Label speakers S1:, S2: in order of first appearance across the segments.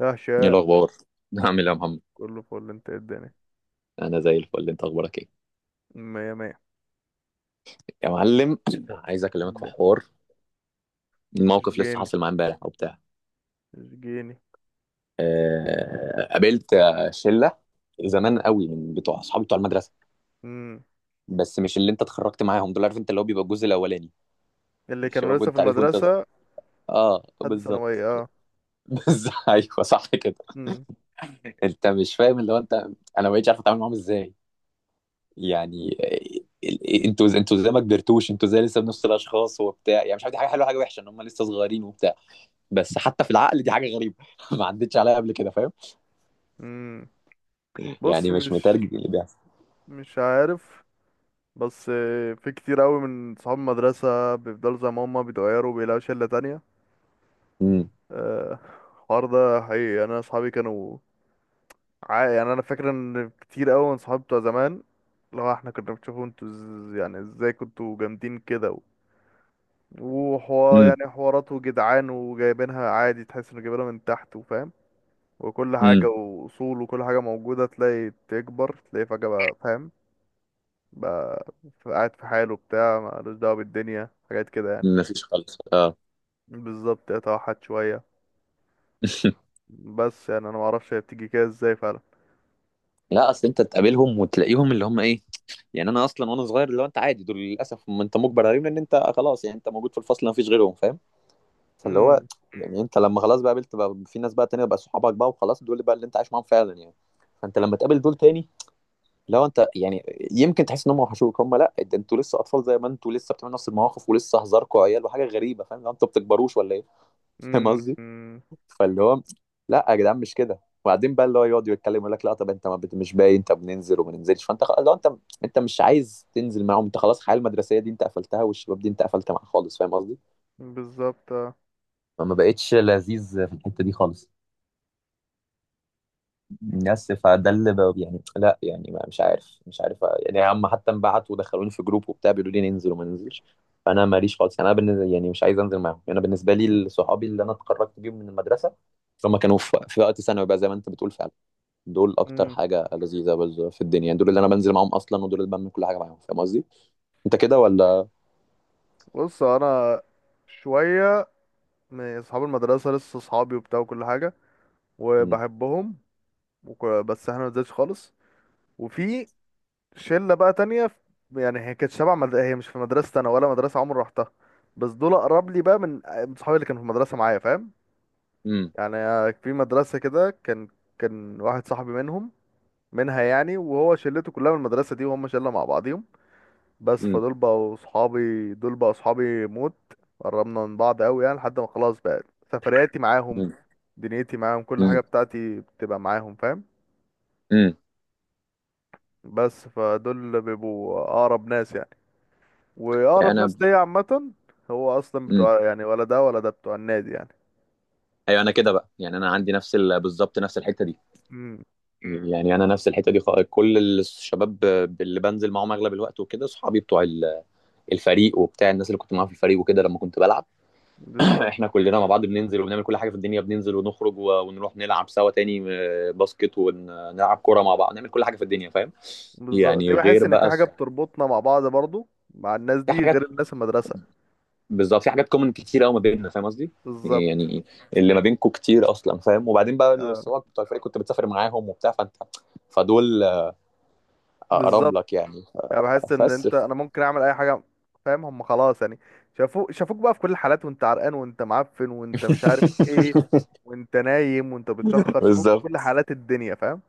S1: يا
S2: ايه
S1: هشام،
S2: الاخبار؟ عامل ايه يا محمد؟
S1: كله فل. انت ايه الدنيا؟
S2: انا زي الفل، انت اخبارك ايه؟
S1: مية مية.
S2: يا معلم، عايز اكلمك في
S1: اللي
S2: حوار.
S1: مش
S2: الموقف لسه
S1: جيني
S2: حاصل معايا امبارح او بتاع.
S1: مش جيني.
S2: قابلت شله زمان قوي من بتوع اصحابي بتوع المدرسه.
S1: مم.
S2: بس مش اللي انت اتخرجت معاهم، دول عارف انت اللي هو بيبقى الجزء الاولاني،
S1: اللي كانوا
S2: الشباب،
S1: لسه في
S2: وانت عارف،
S1: المدرسة؟
S2: اه
S1: حد
S2: بالظبط.
S1: ثانوية اه.
S2: بس ايوه صح كده.
S1: مم.
S2: انت مش فاهم اللي هو انت، انا ما بقتش عارف اتعامل معاهم ازاي. يعني انتوا زي ما كبرتوش، انتوا زي لسه بنفس الاشخاص وبتاع. يعني مش عارف دي حاجه حلوه حاجه وحشه ان هم لسه صغيرين وبتاع. بس حتى في العقل دي حاجه غريبه، ما عدتش عليا قبل كده فاهم؟
S1: مم. بص،
S2: يعني مش
S1: مش
S2: مترجم اللي بيحصل.
S1: مش عارف، بس في كتير قوي من صحاب المدرسة بيفضلوا زي ما هما بيتغيروا وبيلاقوا شلة تانية.
S2: امم،
S1: آه، الحوار ده حقيقي، يعني انا اصحابي كانوا يعني انا فاكر ان كتير قوي من صحابي بتوع زمان، لو احنا كنا بنشوفوا انتوا يعني ازاي كنتوا جامدين كده وحوار،
S2: امم،
S1: يعني حواراته جدعان وجايبينها عادي، تحس انه جايبينها من تحت وفاهم وكل حاجة
S2: امم،
S1: وأصول وكل حاجة موجودة. تلاقي تكبر، تلاقي فجأة بقى فاهم بقى قاعد في حاله بتاع، مالوش دعوة بالدنيا حاجات كده يعني.
S2: مفيش خالص اه.
S1: بالظبط، اتوحد شوية. بس يعني أنا معرفش هي بتيجي كده ازاي فعلا.
S2: لا اصل انت تقابلهم وتلاقيهم اللي هم ايه. يعني انا اصلا وانا صغير اللي هو انت عادي دول للاسف، ما انت مجبر عليهم، لان انت خلاص يعني انت موجود في الفصل ما فيش غيرهم فاهم؟ فاللي هو
S1: امم.
S2: يعني انت لما خلاص بقى قابلت بقى في ناس بقى تانية بقى صحابك بقى وخلاص، دول بقى اللي انت عايش معاهم فعلا يعني. فانت لما تقابل دول تاني، لو انت يعني يمكن تحس ان هم وحشوك، هم لا، ده انتوا لسه اطفال، زي ما انتوا لسه بتعملوا نفس المواقف ولسه هزاركوا عيال وحاجه غريبه فاهم؟ لو انتوا بتكبروش ولا ايه. فاهم قصدي؟
S1: امم.
S2: فاللي هو لا يا جدعان مش كده. وبعدين بقى اللي هو يقعد يتكلم يقول لك لا طب انت ما بت... مش باين انت بننزل وما ننزلش، لو انت انت مش عايز تنزل معاهم، انت خلاص الحياه المدرسيه دي انت قفلتها، والشباب دي انت قفلت معاها خالص فاهم قصدي؟
S1: بالظبط اه.
S2: ما بقتش لذيذ في الحته دي خالص. بس فده اللي بقى يعني، لا يعني ما مش عارف مش عارف. يعني هم حتى انبعتوا ودخلوني في جروب وبتاع بيقولوا لي ننزل وما ننزلش. فانا ماليش خالص يعني، انا بالنسبه يعني مش عايز انزل معاهم. يعني انا بالنسبه لي صحابي اللي انا اتخرجت بيهم من المدرسه، هم كانوا في وقت ثانوي بقى زي ما انت بتقول فعلا. دول اكتر
S1: امم.
S2: في الدنيا يعني، دول اللي انا بنزل معاهم اصلا، ودول اللي بعمل كل حاجه معاهم فاهم قصدي؟ انت كده ولا؟
S1: بص أنا، شوية من أصحاب المدرسة لسه صحابي وبتاع وكل حاجة
S2: امم،
S1: وبحبهم، بس احنا مزاجش خالص. وفي شله بقى تانية في، يعني هي كانت شبه هي مش في مدرسه انا، ولا مدرسه عمري رحتها، بس دول اقرب لي بقى من صحابي اللي كانوا في المدرسه معايا، فاهم؟
S2: امم،
S1: يعني في مدرسه كده، كان كان واحد صاحبي منهم منها يعني، وهو شلته كلها من المدرسه دي، وهم شله مع بعضيهم. بس
S2: امم،
S1: فدول بقوا صحابي، دول بقوا صحابي موت. قربنا من بعض قوي، يعني لحد ما خلاص بقى سفرياتي معاهم، دنيتي معاهم، كل حاجه
S2: امم،
S1: بتاعتي بتبقى معاهم فاهم.
S2: امم.
S1: بس فدول بيبقوا اقرب ناس يعني،
S2: يعني
S1: واقرب
S2: انا،
S1: ناس ليا عامه. هو اصلا
S2: امم،
S1: بتوع، يعني ولا ده ولا ده بتوع النادي يعني.
S2: ايوه انا كده بقى. يعني انا عندي بالظبط نفس الحته دي.
S1: امم.
S2: يعني انا نفس الحته دي، كل الشباب اللي بنزل معاهم اغلب الوقت وكده صحابي بتوع الفريق وبتاع، الناس اللي كنت معاهم في الفريق وكده لما كنت بلعب.
S1: بالظبط.
S2: احنا كلنا مع بعض بننزل وبنعمل كل حاجه في الدنيا، ونروح نلعب سوا تاني، باسكت، ونلعب كوره مع بعض، نعمل كل حاجه في الدنيا فاهم؟
S1: بالظبط، دي
S2: يعني
S1: بحس
S2: غير
S1: ان في
S2: بقى
S1: حاجه بتربطنا مع بعض برضو، مع الناس
S2: في
S1: دي
S2: حاجات،
S1: غير الناس المدرسه.
S2: بالظبط في حاجات كومن كتير قوي ما بيننا فاهم قصدي؟
S1: بالظبط
S2: يعني اللي ما بينكم كتير اصلا فاهم؟ وبعدين بقى
S1: اه.
S2: الصحاب بتوع الفريق كنت بتسافر معاهم وبتاع، فانت فدول اقرب
S1: بالظبط،
S2: لك يعني.
S1: يعني بحس ان
S2: بس.
S1: انت انا ممكن اعمل اي حاجه، فاهم؟ هم خلاص يعني شافوك، شافوك بقى في كل الحالات، وانت عرقان وانت معفن وانت مش عارف ايه، وانت نايم وانت بتشخر، شافوك في كل
S2: بالظبط،
S1: حالات الدنيا فاهم.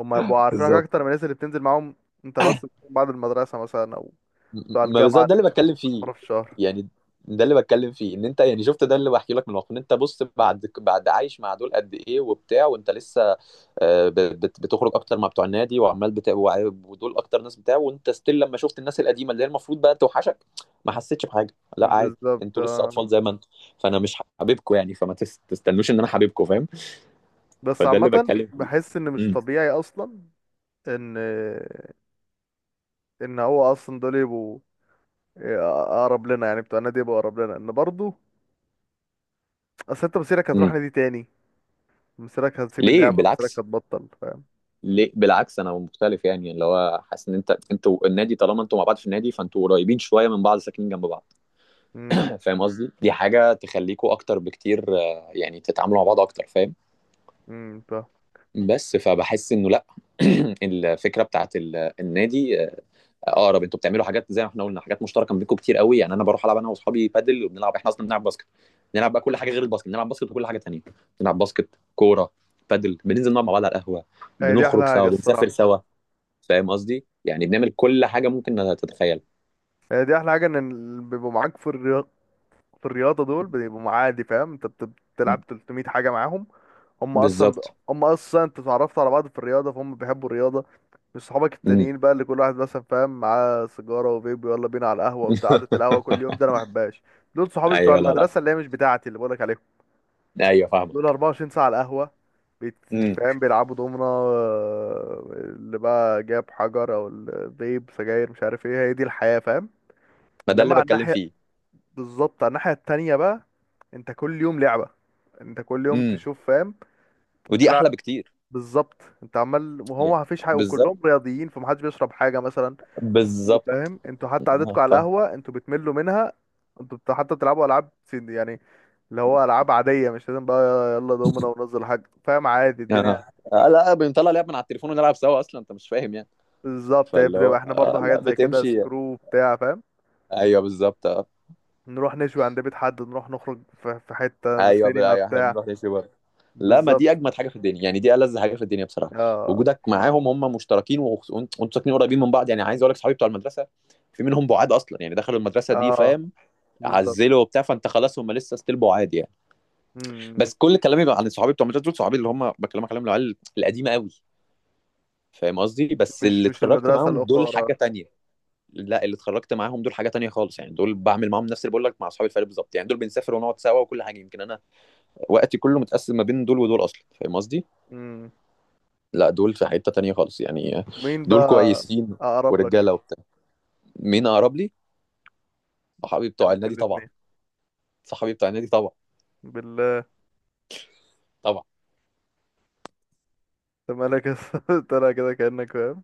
S1: هم يبقوا عارفينك
S2: بالظبط.
S1: اكتر من الناس اللي بتنزل معاهم انت، بس بعد المدرسه مثلا او بتاع
S2: ما
S1: الجامعة،
S2: بالظبط ده
S1: اللي
S2: اللي
S1: بتشوفهم
S2: بتكلم
S1: كل
S2: فيه
S1: مرة في الشهر.
S2: يعني، ده اللي بتكلم فيه ان انت يعني شفت، ده اللي بحكي لك من الواقع ان انت، بص، بعد بعد عايش مع دول قد ايه وبتاع، وانت لسه آه، ب- بتخرج اكتر مع بتوع النادي وعمال ودول اكتر ناس بتاع، وانت ستيل لما شفت الناس القديمه اللي هي المفروض بقى توحشك، ما حسيتش بحاجه، لا عادي،
S1: بالظبط
S2: انتوا لسه
S1: آه.
S2: اطفال زي ما انتوا. فانا مش حبيبكم يعني، فما تستنوش ان انا حبيبكم فاهم؟
S1: بس
S2: فده اللي
S1: عامة
S2: بتكلم فيه.
S1: بحس ان مش
S2: امم،
S1: طبيعي اصلا، ان ان هو اصلا دول يبقوا اقرب لنا يعني، بتوع النادي يبقوا اقرب لنا ان برضه. اصل انت مصيرك هتروح
S2: امم.
S1: نادي تاني، مصيرك هتسيب
S2: ليه
S1: اللعبة، مصيرك
S2: بالعكس؟
S1: هتبطل فاهم.
S2: ليه بالعكس؟ انا مختلف يعني، اللي هو حاسس ان انت انتوا النادي، طالما انتوا مع بعض في النادي فانتوا قريبين شويه من بعض، ساكنين جنب بعض.
S1: امم.
S2: فاهم قصدي؟ دي حاجه تخليكوا اكتر بكتير، يعني تتعاملوا مع بعض اكتر فاهم؟
S1: فاهم.
S2: بس فبحس انه لا. الفكره بتاعت النادي، اقرب، انتوا بتعملوا حاجات زي ما احنا قلنا، حاجات مشتركه ما بينكم كتير قوي. يعني انا بروح العب انا واصحابي بادل، وبنلعب احنا اصلا بنلعب باسكت، بنلعب بقى كل حاجه
S1: مم.
S2: غير الباسكت، بنلعب باسكت وكل حاجه تانيه، بنلعب باسكت، كوره، بادل، بننزل نقعد مع بعض على القهوه،
S1: هي دي احلى
S2: بنخرج
S1: حاجة
S2: سوا، بنسافر
S1: الصراحة.
S2: سوا، فاهم قصدي؟ يعني بنعمل كل حاجه ممكن تتخيلها.
S1: هي دي احلى حاجة، ان اللي بيبقوا معاك في الرياضة، في الرياضة دول بيبقوا معادي فاهم. انت
S2: م-
S1: بتلعب 300 حاجة معاهم. هم اصلا ب...
S2: بالظبط.
S1: هم اصلا انت اتعرفت على بعض في الرياضه، فهم بيحبوا الرياضه، مش صحابك
S2: امم.
S1: التانيين بقى اللي كل واحد مثلا فاهم معاه سيجاره وفيب، يلا بينا على القهوه بتاع، قعده القهوه كل يوم ده انا ما بحبهاش. دول صحابي بتوع
S2: ايوه، لا لا،
S1: المدرسه اللي هي مش بتاعتي اللي بقولك عليهم.
S2: ايوه فاهمه.
S1: دول 24 ساعه على القهوه،
S2: امم.
S1: فاهم بيلعبوا دومنا، اللي بقى جاب حجر او فيب سجاير، مش عارف ايه، هي دي الحياه فاهم.
S2: ما ده
S1: انما
S2: اللي
S1: على
S2: بتكلم
S1: الناحيه،
S2: فيه.
S1: بالظبط على الناحيه التانيه بقى، انت كل يوم لعبه، انت كل يوم
S2: امم.
S1: تشوف فاهم.
S2: ودي
S1: انت
S2: احلى بكتير
S1: بالظبط، انت عمال وهو
S2: يعني.
S1: ما فيش حاجه،
S2: بالظبط،
S1: وكلهم رياضيين فمحدش بيشرب حاجه مثلا،
S2: بالظبط.
S1: فاهم؟ انتوا حتى
S2: اه
S1: قعدتكم على
S2: فاهم.
S1: القهوه انتوا بتملوا منها. انتوا حتى بتلعبوا العاب يعني اللي هو العاب عاديه، مش لازم بقى يلا دومنا وننزل حاجه، فاهم؟ عادي الدنيا.
S2: اه. لا بنطلع لعب من على التليفون ونلعب سوا اصلا، انت مش فاهم يعني.
S1: بالظبط هي
S2: فاللي هو
S1: بتبقى احنا برضو
S2: اه لا
S1: حاجات زي كده،
S2: بتمشي،
S1: سكرو بتاع فاهم.
S2: ايوه بالظبط.
S1: نروح نشوي عند بيت حد، نروح نخرج في حته سينما
S2: ايوه احنا
S1: بتاع.
S2: بنروح نشوي بره. لا، ما دي اجمد
S1: بالظبط
S2: حاجه في الدنيا يعني، دي ألذ حاجه في الدنيا بصراحه.
S1: اه.
S2: وجودك معاهم، هم مشتركين وانتوا ساكنين قريبين من بعض، يعني عايز اقول لك صحابي بتوع المدرسه في منهم بعاد اصلا، يعني دخلوا المدرسه دي
S1: اه
S2: فاهم؟
S1: بالظبط.
S2: عزلوا وبتاع، فانت خلاص هم لسه ستيل بعاد يعني.
S1: مم.
S2: بس كل كلامي عن صحابي بتوع المدرسه، دول صحابي اللي هم بكلمك عليهم العيال القديمه قوي فاهم قصدي. بس
S1: مش
S2: اللي
S1: مش
S2: اتخرجت
S1: المدرسه
S2: معاهم، دول
S1: الاخرى.
S2: حاجه تانية. لا، اللي اتخرجت معاهم دول حاجه تانية خالص، يعني دول بعمل معاهم نفس اللي بقول لك مع اصحابي الفريق بالظبط. يعني دول بنسافر ونقعد سوا وكل حاجه، يمكن انا وقتي كله متقسم ما بين دول ودول اصلا فاهم قصدي؟ لا دول في حتة تانية خالص يعني.
S1: مين
S2: دول
S1: بقى
S2: كويسين
S1: اقرب لك؟
S2: ورجالة وبتاع. مين اقرب لي؟ صحابي
S1: في،
S2: بتوع
S1: في
S2: النادي طبعا.
S1: الاتنين
S2: صحابي بتوع النادي طبعا.
S1: بالله.
S2: طبعا.
S1: انت مالك يا اسطى؟ طالع كده كأنك فاهم.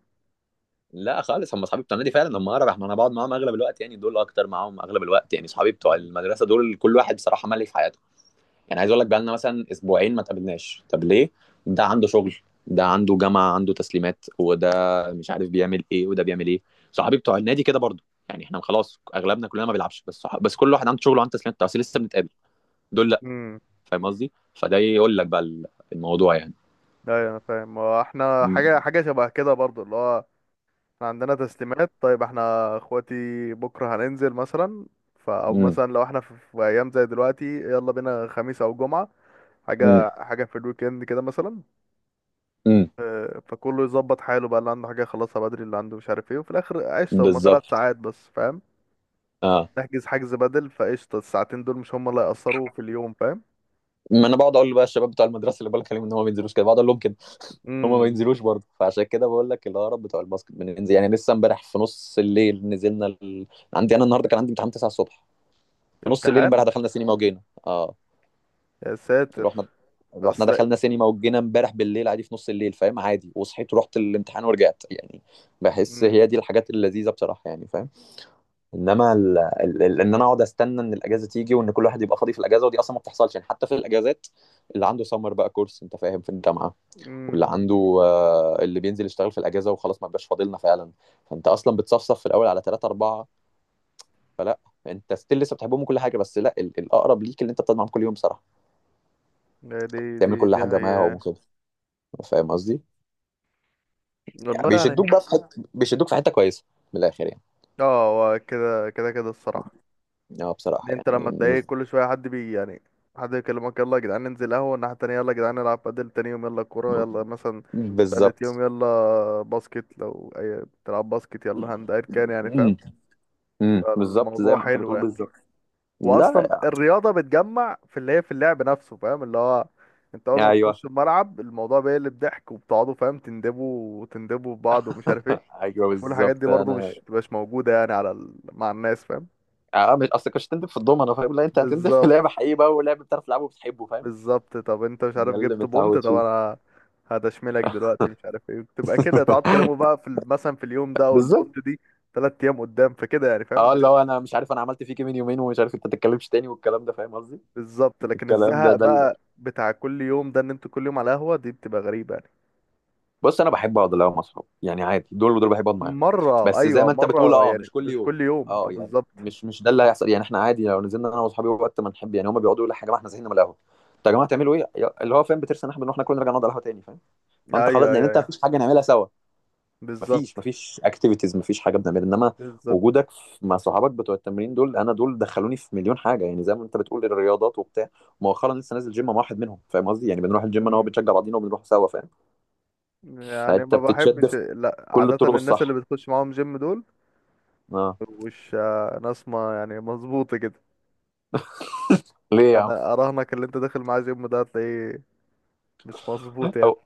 S2: لا خالص، هم اصحابي بتوع النادي فعلا هم اقرب، احنا انا بقعد معاهم اغلب الوقت يعني، دول اكتر معاهم اغلب الوقت. يعني اصحابي بتوع
S1: مم.
S2: المدرسة دول كل واحد بصراحة ملك حياته. يعني عايز اقول لك بقالنا مثلا اسبوعين ما تقابلناش، طب ليه؟ ده عنده شغل، ده عنده جامعه عنده تسليمات، وده مش عارف بيعمل ايه، وده بيعمل ايه. صحابي بتوع النادي كده برضو، يعني احنا خلاص اغلبنا كلنا ما بيلعبش بس بس كل واحد عنده شغل وعنده تسليمات، بس لسه بنتقابل. دول لا
S1: امم.
S2: فاهم قصدي؟ فده يقول لك بقى الموضوع يعني.
S1: ايوه انا فاهم، هو احنا حاجه
S2: امم،
S1: حاجه شبه كده برضو اللي هو احنا عندنا تسليمات. طيب احنا اخواتي بكره هننزل مثلا، ف او
S2: امم،
S1: مثلا لو احنا في، في ايام زي دلوقتي، يلا بينا خميس او جمعه،
S2: امم،
S1: حاجه حاجه في الويكند كده مثلا.
S2: امم،
S1: فكله يظبط حاله بقى، اللي عنده حاجه يخلصها بدري، اللي عنده مش عارف ايه، وفي الاخر قشطه هما ثلاث
S2: بالظبط،
S1: ساعات بس فاهم.
S2: اه.
S1: نحجز حجز بدل، فقشطة الساعتين دول مش هما اللي هيأثروا في اليوم، فاهم؟
S2: ما انا بقعد اقول بقى الشباب بتوع المدرسه اللي بقول لك عليهم ان هم ما بينزلوش كده، بقعد اقول لهم كده، هما ما
S1: امم.
S2: ينزلوش برضه. فعشان كده بقول لك، الهرب بتوع الباسكت بننزل، يعني لسه امبارح في نص الليل نزلنا عندي انا النهارده كان عندي امتحان 9 الصبح، في نص الليل
S1: امتحان؟
S2: امبارح دخلنا سينما وجينا اه،
S1: يا ساتر.
S2: رحنا، رحنا
S1: بس لا.
S2: دخلنا سينما وجينا امبارح بالليل عادي في نص الليل فاهم؟ عادي، وصحيت ورحت الامتحان ورجعت يعني. بحس
S1: امم.
S2: هي دي الحاجات اللذيذه بصراحه يعني فاهم؟ انما ان انا اقعد استنى ان الاجازه تيجي، وان كل واحد يبقى فاضي في الاجازه، ودي اصلا ما بتحصلش يعني. حتى في الاجازات اللي عنده سمر بقى كورس انت فاهم في الجامعه، واللي
S1: امم.
S2: عنده، اللي بينزل يشتغل في الاجازه وخلاص، ما بقاش فاضلنا فعلا. فانت اصلا بتصفصف في الاول على ثلاثه اربعه. فلا، انت ستيل لسه بتحبهم وكل حاجه، بس لا الاقرب ليك اللي انت بتقعد معاهم كل يوم صراحه،
S1: لا، دي
S2: تعمل
S1: دي
S2: كل
S1: دي
S2: حاجه معاهم
S1: هي.
S2: وكده فاهم قصدي؟ يعني
S1: والله يعني.
S2: بيشدوك بقى في حته، بيشدوك في حته كويسه، من الاخر يعني.
S1: اه، هو كده الصراحة.
S2: اه
S1: إن
S2: بصراحه
S1: انت لما
S2: يعني.
S1: تلاقي كل شوية حد بي يعني، حد يكلمك يلا يا جدعان ننزل قهوة الناحية التانية، يلا يا جدعان نلعب بدل تاني يوم، يلا كورة يلا مثلا تالت يوم،
S2: بالظبط.
S1: يلا باسكت لو أي بتلعب باسكت، يلا هاند، أيا كان يعني
S2: امم،
S1: فاهم.
S2: امم، بالظبط زي
S1: فالموضوع
S2: ما انت
S1: حلو
S2: بتقول
S1: يعني.
S2: بالظبط.
S1: واصلا
S2: لا
S1: الرياضه بتجمع في اللي هي في اللعب نفسه فاهم، اللي هو انت اول ما
S2: ايوه.
S1: بتخش الملعب الموضوع بيقلب ضحك، وبتقعدوا فاهم تندبوا وتندبوا في بعض ومش عارف ايه.
S2: ايوه
S1: كل الحاجات دي
S2: بالظبط
S1: برضو
S2: انا.
S1: مش موجوده يعني على مع الناس فاهم.
S2: اه مش اصل كنتش تندب في الدومنه، فاهم؟ لا انت هتندب في لعبه
S1: بالظبط.
S2: حقيقي بقى ولعبه بتعرف تلعبه وبتحبه فاهم؟
S1: بالظبط، طب انت مش
S2: ده
S1: عارف
S2: اللي
S1: جبت بونت؟
S2: متعود
S1: طب
S2: فيه.
S1: انا هدشملك دلوقتي مش عارف ايه، تبقى كده تقعد تكلموا بقى في مثلا في اليوم ده
S2: بالظبط.
S1: والبونت دي تلات ايام قدام، فكده يعني فاهم
S2: اه اللي
S1: الدنيا.
S2: هو انا مش عارف انا عملت فيك إيه من يومين، ومش عارف انت تتكلمش تاني والكلام ده فاهم قصدي؟
S1: بالظبط. لكن
S2: الكلام ده
S1: الزهق
S2: ده اللي...
S1: بقى بتاع كل يوم ده، ان انتوا كل يوم على قهوه، دي بتبقى غريبه يعني.
S2: بص انا بحب اقعد اللي هو مع اصحابي، يعني عادي دول ودول بحب اقعد معاهم.
S1: مرة
S2: بس زي
S1: أيوة،
S2: ما انت بتقول
S1: مرة
S2: اه
S1: يعني
S2: مش كل
S1: مش
S2: يوم.
S1: كل يوم
S2: اه يعني
S1: بالظبط.
S2: مش ده اللي هيحصل يعني. احنا عادي لو نزلنا انا واصحابي وقت ما نحب، يعني هما بيقعدوا يقولوا يا جماعه احنا زهقنا من القهوه، طب يا جماعه تعملوا ايه؟ اللي هو فاهم بترسى ان احنا بنروح ناكل، نرجع نقعد على القهوه تاني فاهم؟
S1: أيوة،
S2: فانت خلاص لان
S1: أيوة،
S2: انت
S1: أيوة،
S2: مفيش حاجه نعملها سوا. مفيش
S1: بالظبط.
S2: مفيش اكتيفيتيز، مفيش حاجه بنعملها. انما
S1: بالظبط.
S2: وجودك مع صحابك بتوع التمرين دول، انا دول دخلوني في مليون حاجه يعني زي ما انت بتقول، الرياضات وبتاع. مؤخرا لسه نازل جيم مع واحد منهم فاهم قصدي؟ يعني بنروح الجيم انا وهو،
S1: مم.
S2: بنشجع بعضينا وبنروح سوا فاهم؟
S1: يعني
S2: فانت
S1: ما
S2: بتتشد
S1: بحبش
S2: في
S1: لا
S2: كل
S1: عادة
S2: الطرق
S1: الناس اللي
S2: الصح.
S1: بتخش معاهم جيم دول،
S2: اه.
S1: مش ناس ما يعني مظبوطة كده.
S2: ليه يا عم؟
S1: أنا أراهنك اللي أنت داخل معاه جيم ده هتلاقيه مش مظبوط يعني.
S2: هو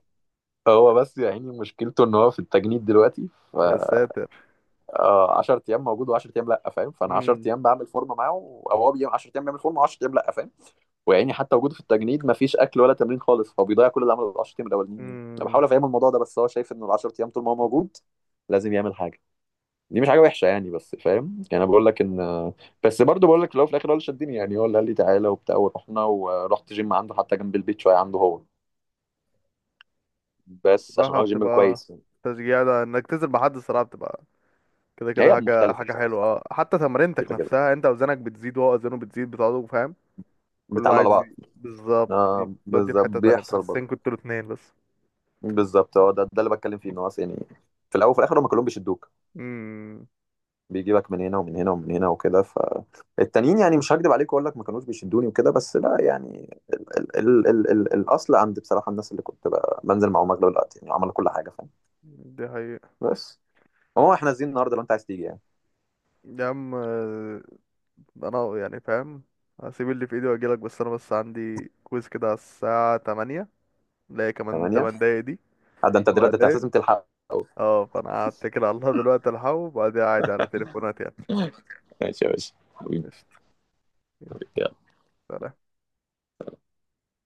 S2: هو بس يا عيني مشكلته ان هو في التجنيد دلوقتي، ف،
S1: يا ساتر.
S2: 10 ايام موجود و10 ايام لا فاهم؟ فانا 10
S1: مم.
S2: ايام بعمل فورمه معاه، او هو بيعمل 10 ايام بيعمل فورمه و10 ايام لا فاهم؟ ويعني حتى وجوده في التجنيد مفيش اكل ولا تمرين خالص، هو بيضيع كل اللي عمله ال 10 ايام الاولانيين يعني. انا
S1: مم.
S2: بحاول افهمه الموضوع ده، بس هو شايف ان ال 10 ايام طول ما هو موجود لازم يعمل حاجه. دي مش حاجه وحشه يعني، بس فاهم يعني انا بقول لك ان، بس برضه بقول لك في الاول وفي الاخر هو اللي شدني يعني، هو اللي قال لي تعالى وبتاع، ورحنا ورحت جيم عنده حتى جنب البيت شويه عنده هو، بس عشان
S1: صراحة
S2: هو جيم
S1: بتبقى
S2: كويس يعني.
S1: تشجيع ده، إنك تنزل مع حد الصراحة بتبقى كده كده
S2: هي
S1: حاجة
S2: مختلفه
S1: حاجة
S2: بصراحه،
S1: حلوة اه، حتى تمرينتك
S2: كده كده
S1: نفسها، أنت أوزانك بتزيد وهو أوزانه بتزيد، بتقعدوا فاهم. كله
S2: بيتعلقوا على
S1: عايز
S2: بعض.
S1: بالظبط
S2: آه
S1: تودي في
S2: بالظبط
S1: حتة تانية،
S2: بيحصل
S1: بتحسسني
S2: برضه.
S1: كنتوا الاتنين بس.
S2: بالظبط هو ده ده اللي بتكلم فيه، ان هو أصل يعني في الاول وفي الاخر هم كلهم بيشدوك،
S1: امم.
S2: بيجيبك من هنا ومن هنا ومن هنا وكده. فالتانيين يعني مش هكدب عليك واقول لك ما كانوش بيشدوني وكده، بس لا يعني ال الاصل عند بصراحه الناس اللي كنت بقى بنزل معاهم اغلب الوقت يعني، عملوا كل حاجه فاهم؟
S1: دي حقيقة.
S2: بس. هو احنا نازلين النهارده لو انت عايز تيجي يعني.
S1: يا عم انا يعني فاهم، هسيب اللي في ايدي واجيلك. بس انا بس عندي كويز كده على الساعة 8، اللي هي كمان
S2: 8؟
S1: 8 دقايق دي.
S2: ده انت
S1: سبع
S2: دلوقتي أنت
S1: دقايق
S2: لازم تلحق أوي.
S1: اه، فانا هتكل على الله دلوقتي الحق، وبعدين قاعد على تليفونات يعني.
S2: ماشي يا باشا حبيبي.
S1: قشطة، يلا. سلام.